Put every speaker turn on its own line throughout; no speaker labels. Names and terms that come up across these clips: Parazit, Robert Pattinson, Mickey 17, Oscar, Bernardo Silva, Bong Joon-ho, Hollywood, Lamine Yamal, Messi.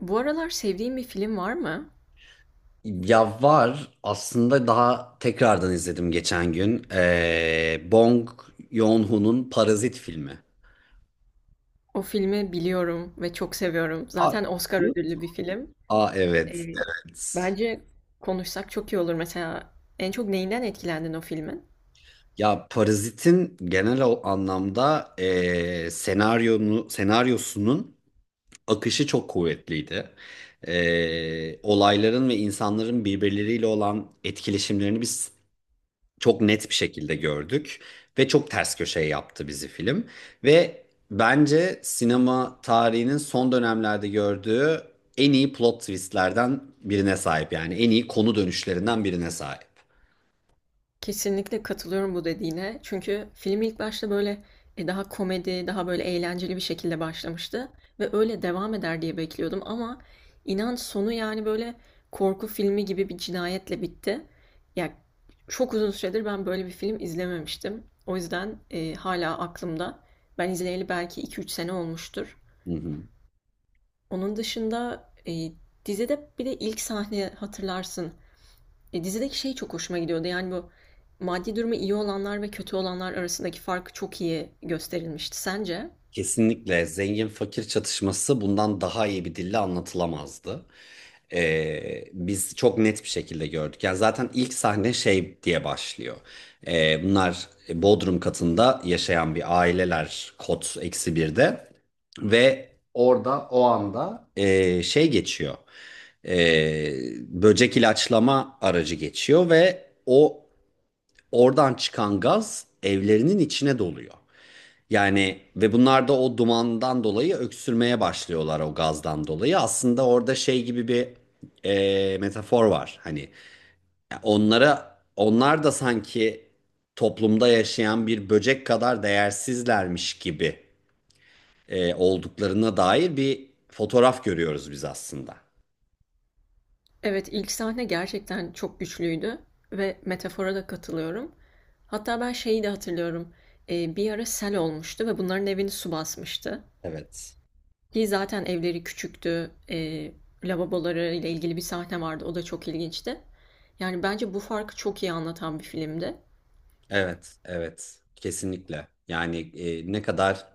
Bu aralar sevdiğin bir film var mı?
Ya var aslında daha tekrardan izledim geçen gün. Bong Joon-ho'nun Parazit filmi.
O filmi biliyorum ve çok seviyorum.
Aa,
Zaten Oscar
iyi.
ödüllü bir film.
Aa
Ee,
evet, evet.
Bence konuşsak çok iyi olur. Mesela en çok neyinden etkilendin o filmin?
Ya Parazit'in genel anlamda senaryosunun akışı çok kuvvetliydi. Olayların ve insanların birbirleriyle olan etkileşimlerini biz çok net bir şekilde gördük ve çok ters köşe yaptı bizi film ve bence sinema tarihinin son dönemlerde gördüğü en iyi plot twistlerden birine sahip, yani en iyi konu dönüşlerinden birine sahip.
Kesinlikle katılıyorum bu dediğine. Çünkü film ilk başta böyle, daha komedi, daha böyle eğlenceli bir şekilde başlamıştı ve öyle devam eder diye bekliyordum ama inan sonu yani böyle korku filmi gibi bir cinayetle bitti. Ya çok uzun süredir ben böyle bir film izlememiştim. O yüzden hala aklımda. Ben izleyeli belki 2-3 sene olmuştur.
Hı hı.
Onun dışında dizide bir de ilk sahne hatırlarsın. Dizideki şey çok hoşuma gidiyordu. Yani bu maddi durumu iyi olanlar ve kötü olanlar arasındaki fark çok iyi gösterilmişti. Sence?
Kesinlikle zengin fakir çatışması bundan daha iyi bir dille anlatılamazdı. Biz çok net bir şekilde gördük. Yani zaten ilk sahne şey diye başlıyor. Bunlar Bodrum katında yaşayan bir aileler kod eksi birde ve orada o anda şey geçiyor. Ee, böcek ilaçlama aracı geçiyor ve oradan çıkan gaz evlerinin içine doluyor. Yani ve bunlar da o dumandan dolayı öksürmeye başlıyorlar o gazdan dolayı. Aslında orada şey gibi bir metafor var. Hani onlar da sanki toplumda yaşayan bir böcek kadar değersizlermiş gibi olduklarına dair bir fotoğraf görüyoruz biz aslında.
Evet, ilk sahne gerçekten çok güçlüydü ve metafora da katılıyorum. Hatta ben şeyi de hatırlıyorum. Bir ara sel olmuştu ve bunların evini su basmıştı.
Evet.
Ki zaten evleri küçüktü. Lavaboları ile ilgili bir sahne vardı. O da çok ilginçti. Yani bence bu farkı çok iyi anlatan bir filmdi.
Evet, evet. Kesinlikle. Yani ne kadar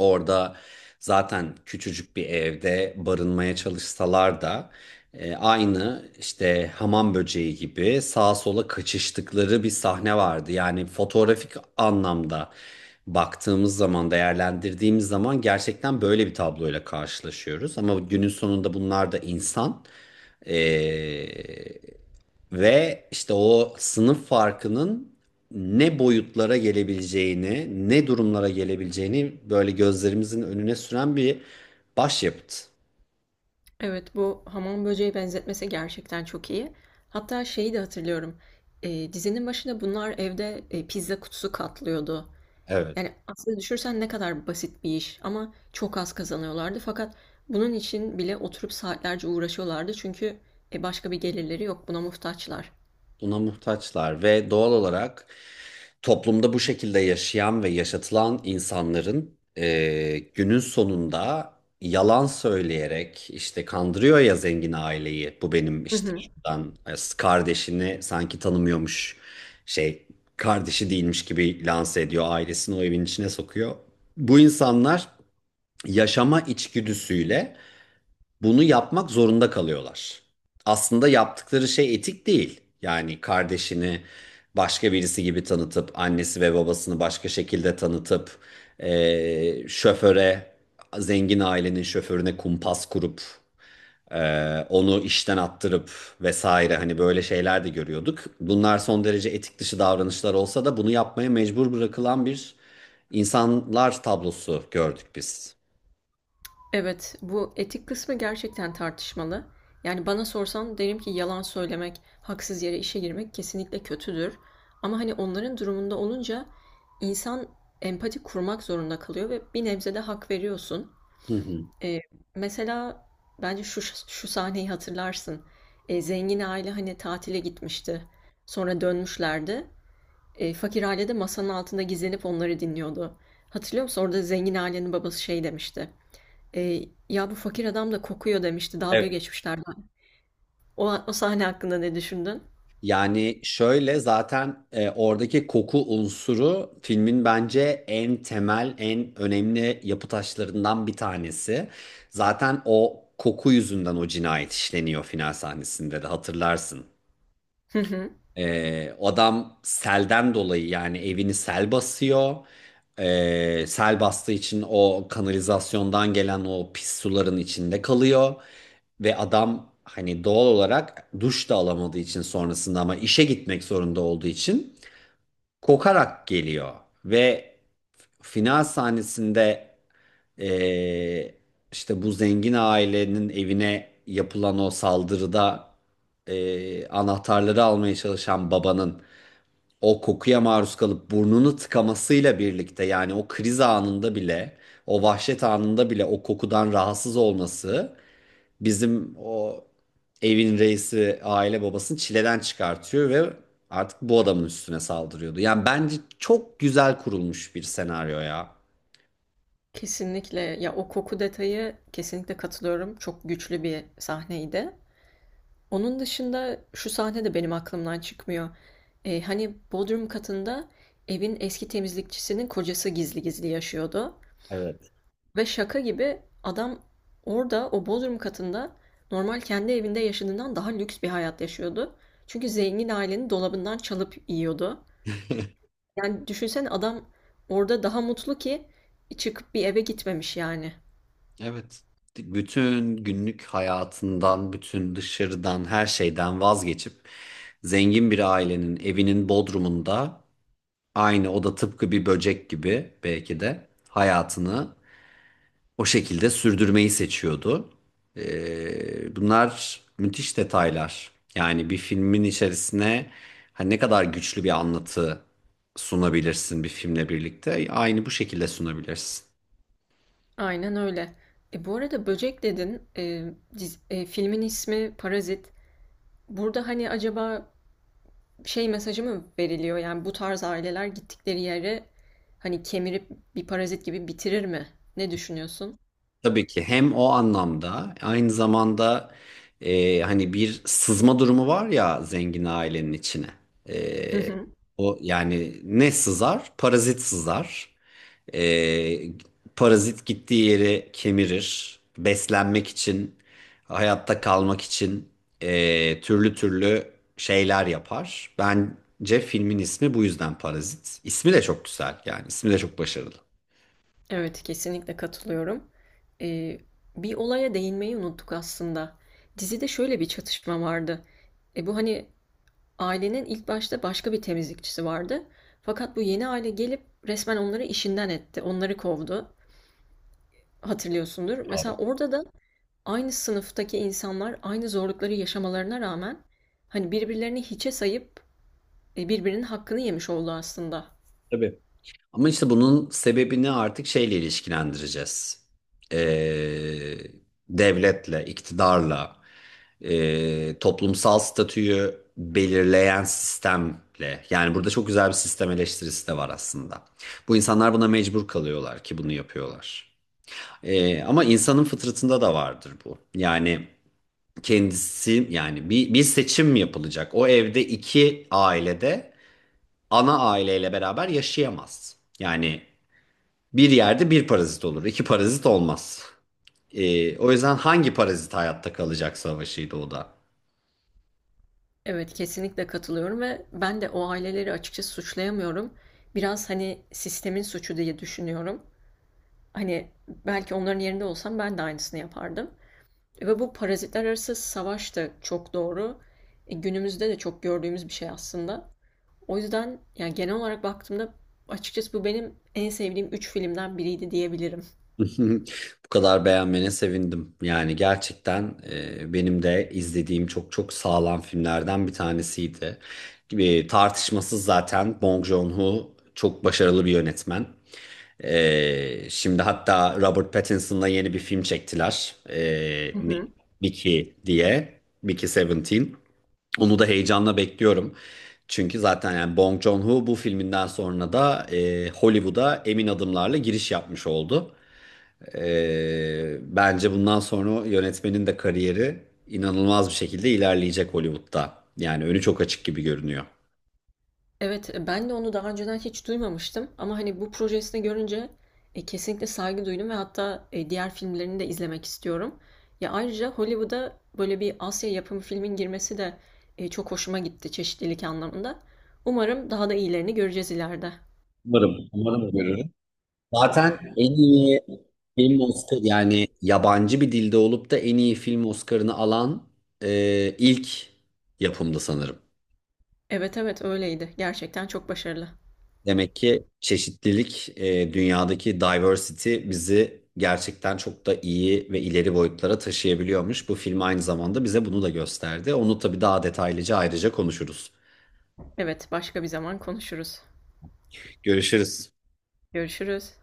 orada zaten küçücük bir evde barınmaya çalışsalar da aynı işte hamam böceği gibi sağa sola kaçıştıkları bir sahne vardı. Yani fotoğrafik anlamda baktığımız zaman, değerlendirdiğimiz zaman gerçekten böyle bir tabloyla karşılaşıyoruz. Ama günün sonunda bunlar da insan. E, ve işte o sınıf farkının ne boyutlara gelebileceğini, ne durumlara gelebileceğini böyle gözlerimizin önüne süren bir başyapıt.
Evet, bu hamam böceği benzetmesi gerçekten çok iyi. Hatta şeyi de hatırlıyorum. E, dizinin başında bunlar evde pizza kutusu katlıyordu.
Evet.
Yani aslında düşürsen ne kadar basit bir iş ama çok az kazanıyorlardı. Fakat bunun için bile oturup saatlerce uğraşıyorlardı. Çünkü başka bir gelirleri yok, buna muhtaçlar.
Buna muhtaçlar ve doğal olarak toplumda bu şekilde yaşayan ve yaşatılan insanların günün sonunda yalan söyleyerek işte kandırıyor ya zengin aileyi. Bu benim işte şuradan kardeşini sanki tanımıyormuş şey kardeşi değilmiş gibi lanse ediyor. Ailesini o evin içine sokuyor. Bu insanlar yaşama içgüdüsüyle bunu yapmak zorunda kalıyorlar. Aslında yaptıkları şey etik değil. Yani kardeşini başka birisi gibi tanıtıp annesi ve babasını başka şekilde tanıtıp şoföre zengin ailenin şoförüne kumpas kurup onu işten attırıp vesaire hani böyle şeyler de görüyorduk. Bunlar son derece etik dışı davranışlar olsa da bunu yapmaya mecbur bırakılan bir insanlar tablosu gördük biz.
Evet, bu etik kısmı gerçekten tartışmalı. Yani bana sorsan derim ki yalan söylemek, haksız yere işe girmek kesinlikle kötüdür. Ama hani onların durumunda olunca insan empati kurmak zorunda kalıyor ve bir nebze de hak veriyorsun.
Hı hı.
Ee, Mesela bence şu sahneyi hatırlarsın. Zengin aile hani tatile gitmişti. Sonra dönmüşlerdi. Fakir aile de masanın altında gizlenip onları dinliyordu. Hatırlıyor musun? Orada zengin ailenin babası şey demişti. E, Ya bu fakir adam da kokuyor demişti. Dalga
Evet.
geçmişlerdi. O sahne hakkında ne düşündün?
Yani şöyle zaten oradaki koku unsuru filmin bence en temel, en önemli yapı taşlarından bir tanesi. Zaten o koku yüzünden o cinayet işleniyor final sahnesinde de hatırlarsın.
Hı hı.
Adam selden dolayı yani evini sel basıyor. Sel bastığı için o kanalizasyondan gelen o pis suların içinde kalıyor. Ve adam hani doğal olarak duş da alamadığı için sonrasında ama işe gitmek zorunda olduğu için kokarak geliyor ve final sahnesinde eee, işte bu zengin ailenin evine yapılan o saldırıda anahtarları almaya çalışan babanın o kokuya maruz kalıp burnunu tıkamasıyla birlikte yani o kriz anında bile o vahşet anında bile o kokudan rahatsız olması bizim o evin reisi aile babasını çileden çıkartıyor ve artık bu adamın üstüne saldırıyordu. Yani bence çok güzel kurulmuş bir senaryo ya.
Kesinlikle. Ya o koku detayı kesinlikle katılıyorum. Çok güçlü bir sahneydi. Onun dışında şu sahne de benim aklımdan çıkmıyor. E, hani bodrum katında evin eski temizlikçisinin kocası gizli gizli yaşıyordu.
Evet.
Ve şaka gibi adam orada o bodrum katında normal kendi evinde yaşadığından daha lüks bir hayat yaşıyordu. Çünkü zengin ailenin dolabından çalıp yiyordu. Yani düşünsene adam orada daha mutlu ki çıkıp bir eve gitmemiş yani.
Evet. Bütün günlük hayatından, bütün dışarıdan, her şeyden vazgeçip zengin bir ailenin evinin bodrumunda aynı o da tıpkı bir böcek gibi belki de hayatını o şekilde sürdürmeyi seçiyordu. Bunlar müthiş detaylar. Yani bir filmin içerisine hani ne kadar güçlü bir anlatı sunabilirsin bir filmle birlikte. Aynı bu şekilde sunabilirsin.
Aynen öyle. E bu arada Böcek dedin. Filmin ismi Parazit. Burada hani acaba şey mesajı mı veriliyor? Yani bu tarz aileler gittikleri yere hani kemirip bir parazit gibi bitirir mi? Ne düşünüyorsun?
Tabii ki hem o anlamda aynı zamanda hani bir sızma durumu var ya zengin ailenin içine.
Hı
E,
hı.
o yani ne sızar? Parazit sızar. E, parazit gittiği yeri kemirir. Beslenmek için, hayatta kalmak için türlü türlü şeyler yapar. Bence filmin ismi bu yüzden Parazit. İsmi de çok güzel, yani ismi de çok başarılı.
Evet, kesinlikle katılıyorum. Ee, Bir olaya değinmeyi unuttuk aslında. Dizide şöyle bir çatışma vardı. Bu hani ailenin ilk başta başka bir temizlikçisi vardı. Fakat bu yeni aile gelip resmen onları işinden etti. Onları kovdu. Hatırlıyorsundur. Mesela orada da aynı sınıftaki insanlar aynı zorlukları yaşamalarına rağmen hani birbirlerini hiçe sayıp birbirinin hakkını yemiş oldu aslında.
Tabii. Ama işte bunun sebebini artık şeyle ilişkilendireceğiz. Ee, devletle, iktidarla, toplumsal statüyü belirleyen sistemle. Yani burada çok güzel bir sistem eleştirisi de var aslında. Bu insanlar buna mecbur kalıyorlar ki bunu yapıyorlar. Ama insanın fıtratında da vardır bu. Yani kendisi yani bir seçim yapılacak. O evde iki ailede ana aileyle beraber yaşayamaz. Yani bir yerde bir parazit olur, iki parazit olmaz. O yüzden hangi parazit hayatta kalacak savaşıydı o da.
Evet, kesinlikle katılıyorum ve ben de o aileleri açıkçası suçlayamıyorum. Biraz hani sistemin suçu diye düşünüyorum. Hani belki onların yerinde olsam ben de aynısını yapardım. Ve bu parazitler arası savaş da çok doğru. Günümüzde de çok gördüğümüz bir şey aslında. O yüzden yani genel olarak baktığımda açıkçası bu benim en sevdiğim 3 filmden biriydi diyebilirim.
Bu kadar beğenmene sevindim. Yani gerçekten benim de izlediğim çok çok sağlam filmlerden bir tanesiydi. Tartışmasız zaten Bong Joon-ho çok başarılı bir yönetmen. Şimdi hatta Robert Pattinson'la yeni bir film çektiler.
Hı hı.
Mickey diye. Mickey 17. Onu da heyecanla bekliyorum. Çünkü zaten yani Bong Joon-ho bu filminden sonra da Hollywood'a emin adımlarla giriş yapmış oldu. Bence bundan sonra yönetmenin de kariyeri inanılmaz bir şekilde ilerleyecek Hollywood'da. Yani önü çok açık gibi görünüyor.
Evet, ben de onu daha önceden hiç duymamıştım ama hani bu projesini görünce kesinlikle saygı duydum ve hatta diğer filmlerini de izlemek istiyorum. Ya ayrıca Hollywood'a böyle bir Asya yapımı filmin girmesi de çok hoşuma gitti çeşitlilik anlamında. Umarım daha da iyilerini göreceğiz ileride.
Umarım, umarım görürüm. Zaten en iyi film Oscar yani yabancı bir dilde olup da en iyi film Oscar'ını alan ilk yapımdı sanırım.
Evet, evet, öyleydi. Gerçekten çok başarılı.
Demek ki çeşitlilik, dünyadaki diversity bizi gerçekten çok da iyi ve ileri boyutlara taşıyabiliyormuş. Bu film aynı zamanda bize bunu da gösterdi. Onu tabii daha detaylıca ayrıca konuşuruz.
Evet, başka bir zaman konuşuruz.
Görüşürüz.
Görüşürüz.